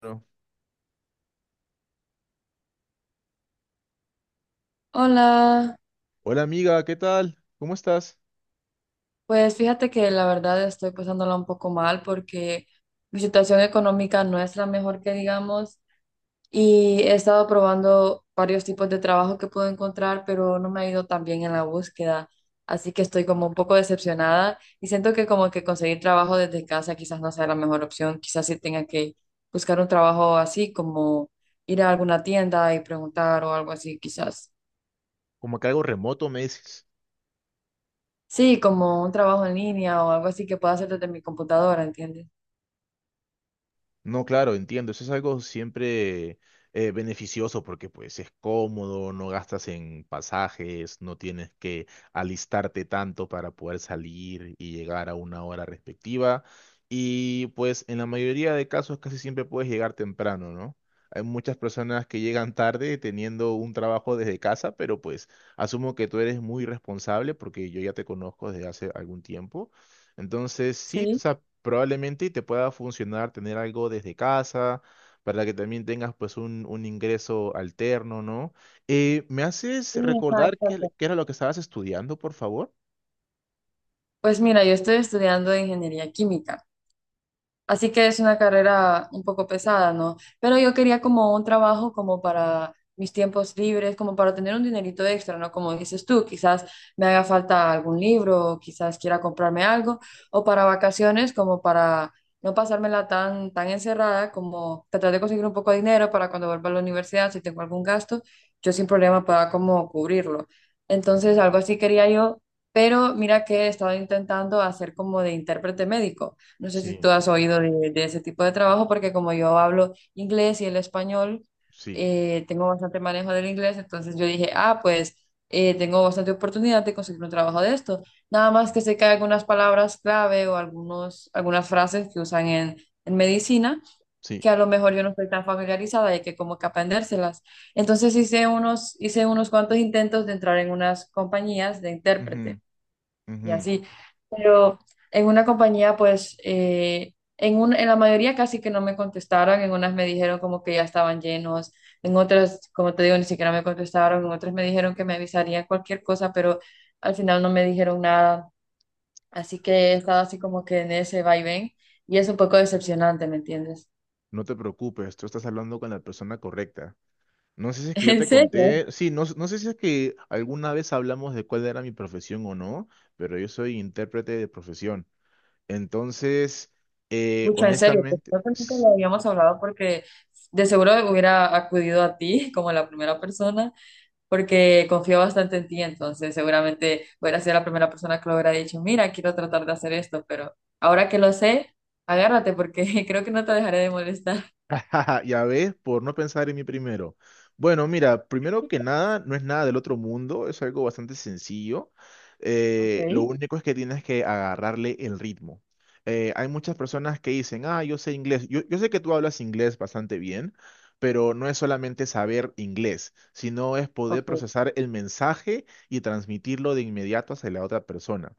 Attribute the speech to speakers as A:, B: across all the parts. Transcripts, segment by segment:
A: Bueno.
B: Hola,
A: Hola, amiga, ¿qué tal? ¿Cómo estás?
B: pues fíjate que la verdad estoy pasándola un poco mal porque mi situación económica no es la mejor que digamos y he estado probando varios tipos de trabajo que puedo encontrar, pero no me ha ido tan bien en la búsqueda, así que estoy como un poco decepcionada y siento que como que conseguir trabajo desde casa quizás no sea la mejor opción, quizás sí tenga que buscar un trabajo así como ir a alguna tienda y preguntar o algo así, quizás.
A: Como que algo remoto me dices.
B: Sí, como un trabajo en línea o algo así que pueda hacer desde mi computadora, ¿entiendes?
A: No, claro, entiendo. Eso es algo siempre beneficioso porque pues es cómodo, no gastas en pasajes, no tienes que alistarte tanto para poder salir y llegar a una hora respectiva. Y pues en la mayoría de casos casi siempre puedes llegar temprano, ¿no? Hay muchas personas que llegan tarde teniendo un trabajo desde casa, pero pues asumo que tú eres muy responsable porque yo ya te conozco desde hace algún tiempo. Entonces, sí, o
B: Sí,
A: sea, probablemente te pueda funcionar tener algo desde casa para que también tengas pues un ingreso alterno, ¿no? ¿Me haces
B: sí,
A: recordar qué,
B: exacto.
A: qué era lo que estabas estudiando, por favor?
B: Pues mira, yo estoy estudiando ingeniería química. Así que es una carrera un poco pesada, ¿no? Pero yo quería como un trabajo como para mis tiempos libres, como para tener un dinerito extra, ¿no? Como dices tú, quizás me haga falta algún libro, quizás quiera comprarme algo, o para vacaciones, como para no pasármela tan, tan encerrada, como tratar de conseguir un poco de dinero para cuando vuelva a la universidad, si tengo algún gasto, yo sin problema pueda como cubrirlo.
A: Ujú.
B: Entonces, algo así quería yo, pero mira que he estado intentando hacer como de intérprete médico. No sé si
A: Sí,
B: tú has oído de ese tipo de trabajo, porque como yo hablo inglés y el español,
A: sí,
B: tengo bastante manejo del inglés, entonces yo dije, ah, pues tengo bastante oportunidad de conseguir un trabajo de esto. Nada más que sé que hay algunas palabras clave o algunas frases que usan en medicina,
A: sí.
B: que a lo mejor yo no estoy tan familiarizada y que como que aprendérselas. Entonces hice unos cuantos intentos de entrar en unas compañías de
A: Ujú,
B: intérprete y
A: ujú.
B: así. Pero en una compañía, pues, en la mayoría casi que no me contestaron, en unas me dijeron como que ya estaban llenos, en otras, como te digo, ni siquiera me contestaron, en otras me dijeron que me avisarían cualquier cosa, pero al final no me dijeron nada. Así que he estado así como que en ese vaivén y es un poco decepcionante, ¿me entiendes?
A: No te preocupes, tú estás hablando con la persona correcta. No sé si es que yo
B: En
A: te
B: serio,
A: conté, sí, no, no sé si es que alguna vez hablamos de cuál era mi profesión o no, pero yo soy intérprete de profesión. Entonces,
B: mucho en serio, pues
A: honestamente,
B: creo que nunca lo habíamos hablado porque de seguro hubiera acudido a ti como la primera persona porque confío bastante en ti, entonces seguramente hubiera sido la primera persona que lo hubiera dicho, mira, quiero tratar de hacer esto, pero ahora que lo sé, agárrate porque creo que no te dejaré de molestar.
A: Ya ves, por no pensar en mí primero. Bueno, mira, primero que nada, no es nada del otro mundo, es algo bastante sencillo.
B: Ok,
A: Lo único es que tienes que agarrarle el ritmo. Hay muchas personas que dicen: ah, yo sé inglés. Yo sé que tú hablas inglés bastante bien, pero no es solamente saber inglés, sino es poder
B: ok,
A: procesar el mensaje y transmitirlo de inmediato hacia la otra persona.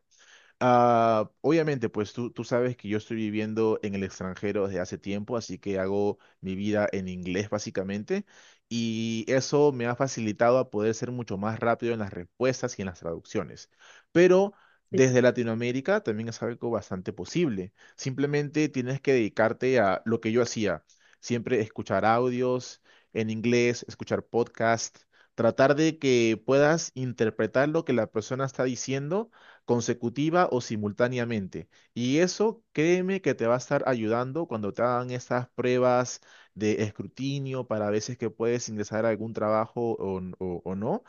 A: Ah, obviamente, pues tú sabes que yo estoy viviendo en el extranjero desde hace tiempo, así que hago mi vida en inglés básicamente, y eso me ha facilitado a poder ser mucho más rápido en las respuestas y en las traducciones. Pero desde Latinoamérica también es algo bastante posible. Simplemente tienes que dedicarte a lo que yo hacía: siempre escuchar audios en inglés, escuchar podcasts, tratar de que puedas interpretar lo que la persona está diciendo consecutiva o simultáneamente. Y eso, créeme que te va a estar ayudando cuando te hagan estas pruebas de escrutinio para veces que puedes ingresar a algún trabajo o o no.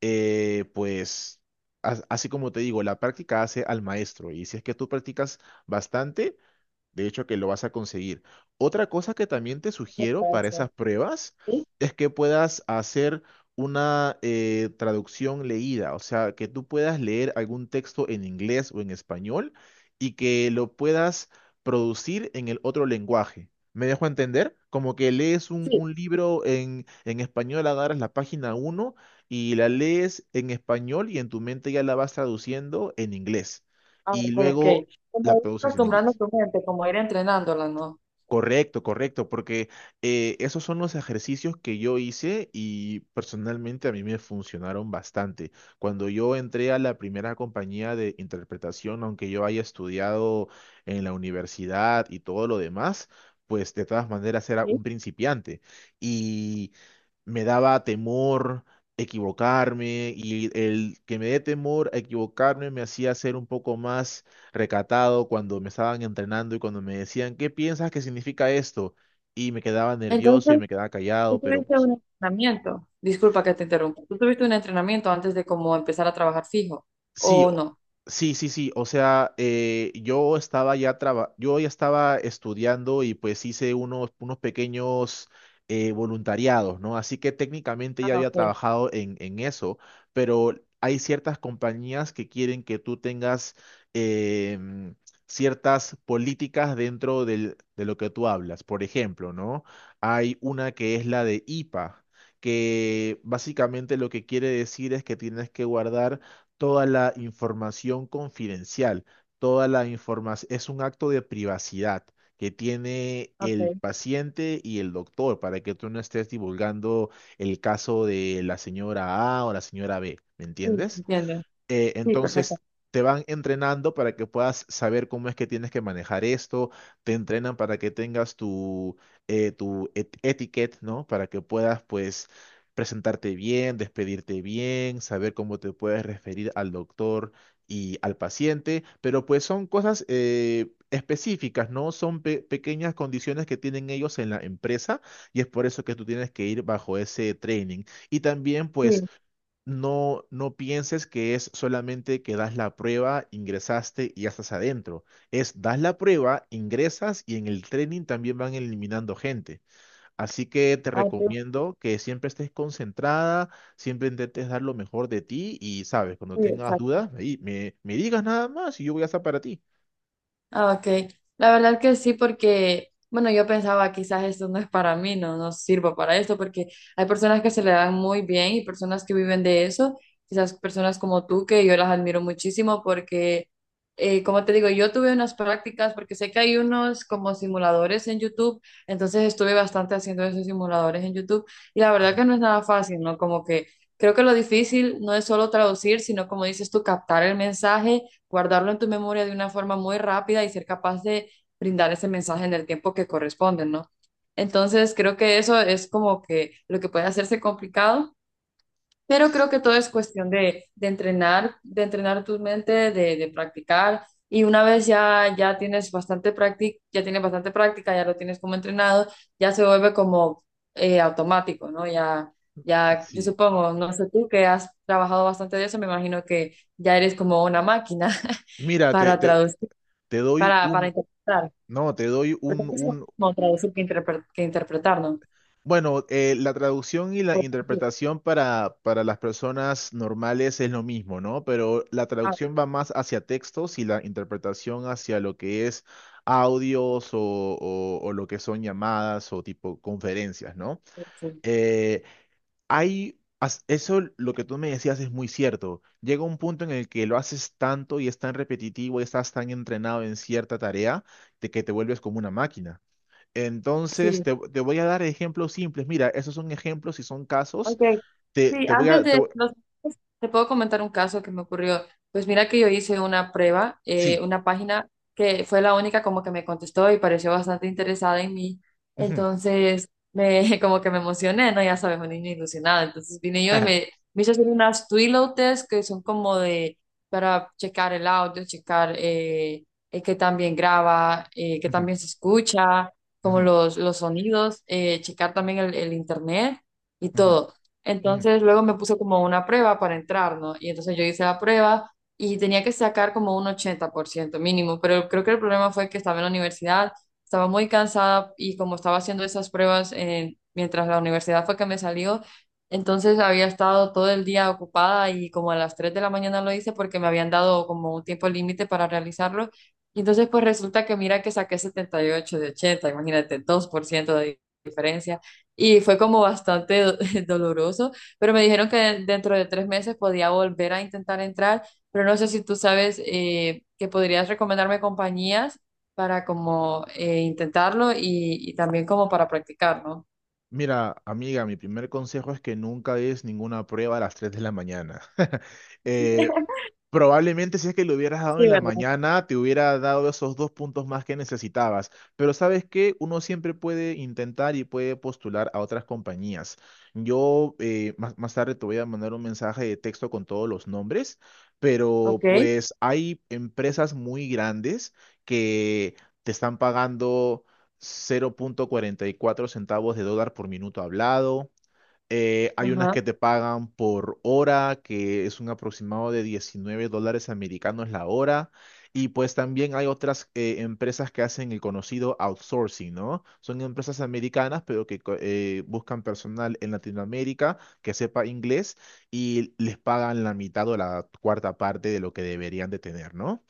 A: Pues, así como te digo, la práctica hace al maestro. Y si es que tú practicas bastante, de hecho, que lo vas a conseguir. Otra cosa que también te sugiero
B: puede
A: para
B: ser.
A: esas pruebas
B: Sí,
A: es que puedas hacer una traducción leída, o sea, que tú puedas leer algún texto en inglés o en español y que lo puedas producir en el otro lenguaje. ¿Me dejo entender? Como que lees un,
B: sí,
A: un libro en español, agarras la página uno y la lees en español y en tu mente ya la vas traduciendo en inglés.
B: ah,
A: Y
B: ok, ok.
A: luego
B: Como
A: la
B: ir
A: produces en
B: acostumbrando
A: inglés.
B: tu mente, como ir entrenándola, ¿no?
A: Correcto, correcto, porque esos son los ejercicios que yo hice y personalmente a mí me funcionaron bastante. Cuando yo entré a la primera compañía de interpretación, aunque yo haya estudiado en la universidad y todo lo demás, pues de todas maneras era
B: Sí.
A: un principiante y me daba temor equivocarme, y el que me dé temor a equivocarme me hacía ser un poco más recatado cuando me estaban entrenando y cuando me decían: ¿qué piensas que significa esto? Y me quedaba nervioso y
B: Entonces,
A: me quedaba
B: tú
A: callado, pero
B: tuviste
A: pues
B: un entrenamiento. Disculpa que te interrumpa. ¿Tú tuviste un entrenamiento antes de como empezar a trabajar fijo
A: sí,
B: o no?
A: sí, sí, sí. O sea, yo ya estaba estudiando y pues hice unos pequeños voluntariados, ¿no? Así que técnicamente ya
B: Ah,
A: había
B: ok,
A: trabajado en eso, pero hay ciertas compañías que quieren que tú tengas em, ciertas políticas dentro de lo que tú hablas. Por ejemplo, ¿no? Hay una que es la de IPA, que básicamente lo que quiere decir es que tienes que guardar toda la información confidencial, toda la información; es un acto de privacidad que tiene el
B: ok,
A: paciente y el doctor para que tú no estés divulgando el caso de la señora A o la señora B, ¿me
B: sí,
A: entiendes?
B: entiendo,
A: Eh,
B: sí,
A: entonces
B: perfecto,
A: te van entrenando para que puedas saber cómo es que tienes que manejar esto, te entrenan para que tengas tu etiquette, ¿no? Para que puedas, pues, presentarte bien, despedirte bien, saber cómo te puedes referir al doctor y al paciente, pero pues son cosas específicas, ¿no? Son pequeñas condiciones que tienen ellos en la empresa, y es por eso que tú tienes que ir bajo ese training. Y también, pues,
B: sí,
A: no pienses que es solamente que das la prueba, ingresaste y ya estás adentro. Es das la prueba, ingresas, y en el training también van eliminando gente. Así que te recomiendo que siempre estés concentrada, siempre intentes dar lo mejor de ti y, sabes, cuando
B: sí,
A: tengas
B: exacto.
A: dudas, ahí me digas nada más y yo voy a estar para ti.
B: Ah, ok. La verdad que sí, porque, bueno, yo pensaba quizás esto no es para mí, no, no sirvo para esto, porque hay personas que se le dan muy bien y personas que viven de eso, quizás personas como tú, que yo las admiro muchísimo porque, como te digo, yo tuve unas prácticas, porque sé que hay unos como simuladores en YouTube, entonces estuve bastante haciendo esos simuladores en YouTube y la verdad que no es nada fácil, ¿no? Como que creo que lo difícil no es solo traducir, sino como dices tú, captar el mensaje, guardarlo en tu memoria de una forma muy rápida y ser capaz de brindar ese mensaje en el tiempo que corresponde, ¿no? Entonces, creo que eso es como que lo que puede hacerse complicado, pero creo que todo es cuestión de, entrenar, de entrenar tu mente, de, practicar. Y una vez ya tienes bastante práctica, ya tienes bastante práctica, ya lo tienes como entrenado, ya se vuelve como automático, ¿no? Ya, ya, yo
A: Sí.
B: supongo, no sé tú que has trabajado bastante de eso, me imagino que ya eres como una máquina.
A: Mira, te,
B: Para
A: te,
B: traducir,
A: te doy
B: para
A: un,
B: interpretar.
A: no, te doy
B: Porque
A: un,
B: es lo
A: un,
B: mismo traducir que, que interpretar, ¿no?
A: Bueno, la traducción y la
B: O traducir.
A: interpretación para las personas normales es lo mismo, ¿no? Pero la
B: Ah,
A: traducción va más hacia textos y la interpretación hacia lo que es audios o lo que son llamadas o tipo conferencias, ¿no?
B: ok, sí.
A: Eh, Eso lo que tú me decías es muy cierto. Llega un punto en el que lo haces tanto y es tan repetitivo y estás tan entrenado en cierta tarea, de que te vuelves como una máquina. Entonces,
B: Sí,
A: te voy a dar ejemplos simples. Mira, esos son ejemplos y son casos.
B: ok,
A: Te,
B: sí,
A: te voy
B: antes
A: a... te
B: de
A: voy-
B: los... Te puedo comentar un caso que me ocurrió. Pues mira que yo hice una prueba,
A: Sí.
B: una página que fue la única como que me contestó y pareció bastante interesada en mí.
A: Ujú.
B: Entonces, como que me emocioné, ¿no? Ya sabes, un niño ilusionado. Entonces vine yo y me hice hacer unas Twilio test que son como de, para checar el audio, checar qué tan bien graba, qué tan
A: Ujú,
B: bien se escucha, como
A: ujú,
B: los sonidos, checar también el internet y
A: ujú,
B: todo.
A: ujú.
B: Entonces luego me puso como una prueba para entrar, ¿no? Y entonces yo hice la prueba y tenía que sacar como un 80% mínimo, pero creo que el problema fue que estaba en la universidad, estaba muy cansada y como estaba haciendo esas pruebas mientras la universidad fue que me salió, entonces había estado todo el día ocupada y como a las 3 de la mañana lo hice porque me habían dado como un tiempo límite para realizarlo. Y entonces pues resulta que mira que saqué 78 de 80, imagínate, 2% de diferencia y fue como bastante doloroso, pero me dijeron que dentro de 3 meses podía volver a intentar entrar, pero no sé si tú sabes que podrías recomendarme compañías para como intentarlo y, también como para practicar, ¿no?
A: Mira, amiga, mi primer consejo es que nunca des ninguna prueba a las 3 de la mañana. Eh, Probablemente si es que lo hubieras dado
B: Sí,
A: en la
B: ¿verdad?
A: mañana, te hubiera dado esos dos puntos más que necesitabas. Pero sabes que uno siempre puede intentar y puede postular a otras compañías. Yo, más tarde te voy a mandar un mensaje de texto con todos los nombres, pero
B: Ok.
A: pues hay empresas muy grandes que te están pagando 0.44 centavos de dólar por minuto hablado. Hay unas
B: Ajá.
A: que te pagan por hora, que es un aproximado de 19 dólares americanos la hora. Y pues también hay otras empresas que hacen el conocido outsourcing, ¿no? Son empresas americanas, pero que buscan personal en Latinoamérica que sepa inglés, y les pagan la mitad o la cuarta parte de lo que deberían de tener, ¿no?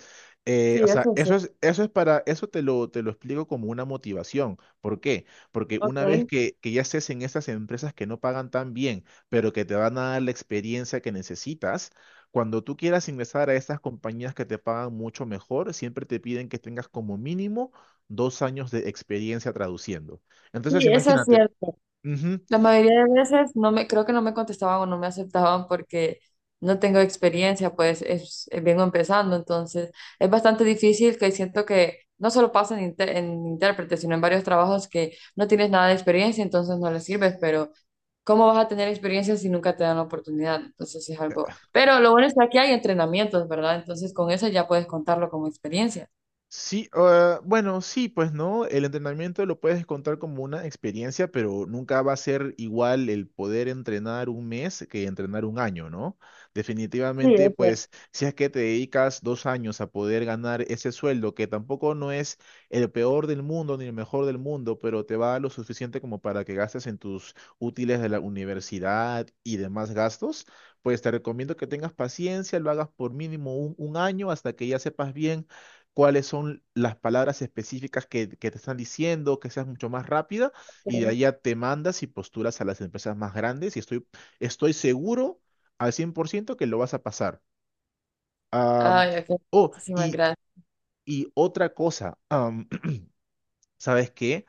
A: Eh,
B: Sí,
A: o sea,
B: eso sí.
A: eso es para, eso te lo explico como una motivación. ¿Por qué? Porque una vez
B: Ok.
A: que ya estés en esas empresas que no pagan tan bien, pero que te van a dar la experiencia que necesitas, cuando tú quieras ingresar a estas compañías que te pagan mucho mejor, siempre te piden que tengas como mínimo 2 años de experiencia traduciendo. Entonces,
B: Sí, eso es
A: imagínate,
B: cierto.
A: ujú.
B: La mayoría de veces no me, creo que no me contestaban o no me aceptaban porque no tengo experiencia, pues es, vengo empezando, entonces es bastante difícil que siento que no solo pasa en intérprete, sino en varios trabajos que no tienes nada de experiencia, entonces no les sirves, pero ¿cómo vas a tener experiencia si nunca te dan la oportunidad? Entonces es algo, pero lo bueno es que aquí hay entrenamientos, ¿verdad? Entonces con eso ya puedes contarlo como experiencia.
A: Sí, ah, bueno, sí, pues no, el entrenamiento lo puedes contar como una experiencia, pero nunca va a ser igual el poder entrenar un mes que entrenar un año, ¿no?
B: Sí,
A: Definitivamente,
B: es cierto.
A: pues si es que te dedicas 2 años a poder ganar ese sueldo, que tampoco no es el peor del mundo ni el mejor del mundo, pero te va lo suficiente como para que gastes en tus útiles de la universidad y demás gastos, pues te recomiendo que tengas paciencia, lo hagas por mínimo un año hasta que ya sepas bien cuáles son las palabras específicas que te están diciendo, que seas mucho más rápida, y de ahí ya te mandas y postulas a las empresas más grandes, y estoy seguro al 100% que lo vas a pasar. Am,
B: Ay, ok.
A: oh,
B: Muchísimas
A: y,
B: gracias.
A: y otra cosa, ¿sabes qué?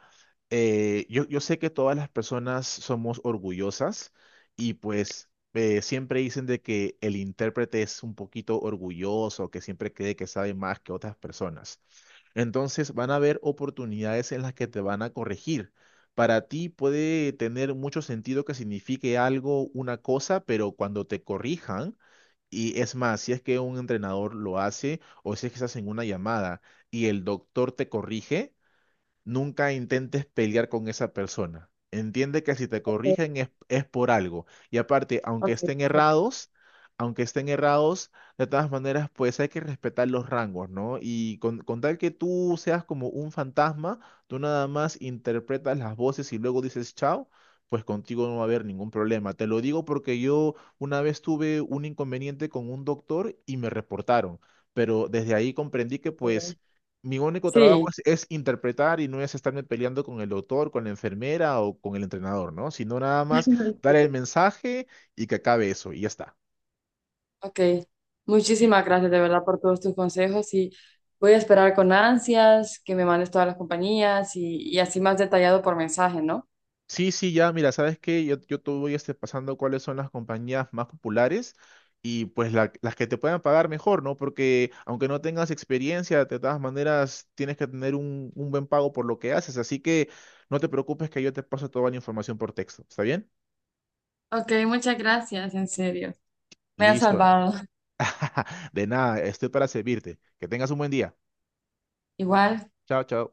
A: Yo sé que todas las personas somos orgullosas y pues siempre dicen de que el intérprete es un poquito orgulloso, que siempre cree que sabe más que otras personas. Entonces van a haber oportunidades en las que te van a corregir. Para ti puede tener mucho sentido que signifique algo, una cosa, pero cuando te corrijan, y es más, si es que un entrenador lo hace o si es que estás en una llamada y el doctor te corrige, nunca intentes pelear con esa persona. Entiende que si te corrigen es por algo. Y aparte,
B: Ok, perfecto.
A: aunque estén errados, de todas maneras, pues hay que respetar los rangos, ¿no? Y con tal que tú seas como un fantasma, tú nada más interpretas las voces y luego dices chao, pues contigo no va a haber ningún problema. Te lo digo porque yo una vez tuve un inconveniente con un doctor y me reportaron, pero desde ahí comprendí que
B: Está
A: pues
B: bien.
A: mi único trabajo
B: Sí.
A: es interpretar, y no es estarme peleando con el doctor, con la enfermera o con el entrenador, ¿no?, sino nada más dar el mensaje y que acabe eso y ya está.
B: Ok,
A: Sí,
B: muchísimas gracias de verdad por todos tus consejos y voy a esperar con ansias que me mandes todas las compañías y, así más detallado por mensaje, ¿no?
A: sí, sí, ya, mira, ¿sabes qué? Yo te voy pasando cuáles son las compañías más populares y pues las que te puedan pagar mejor, ¿no? Porque aunque no tengas experiencia, de todas maneras tienes que tener un buen pago por lo que haces, así que no te preocupes que yo te paso toda la información por texto, ¿está bien?
B: Ok, muchas gracias, en serio. Me has
A: Listo.
B: salvado.
A: De nada, estoy para servirte. Que tengas un buen día.
B: Igual.
A: Chao, chao.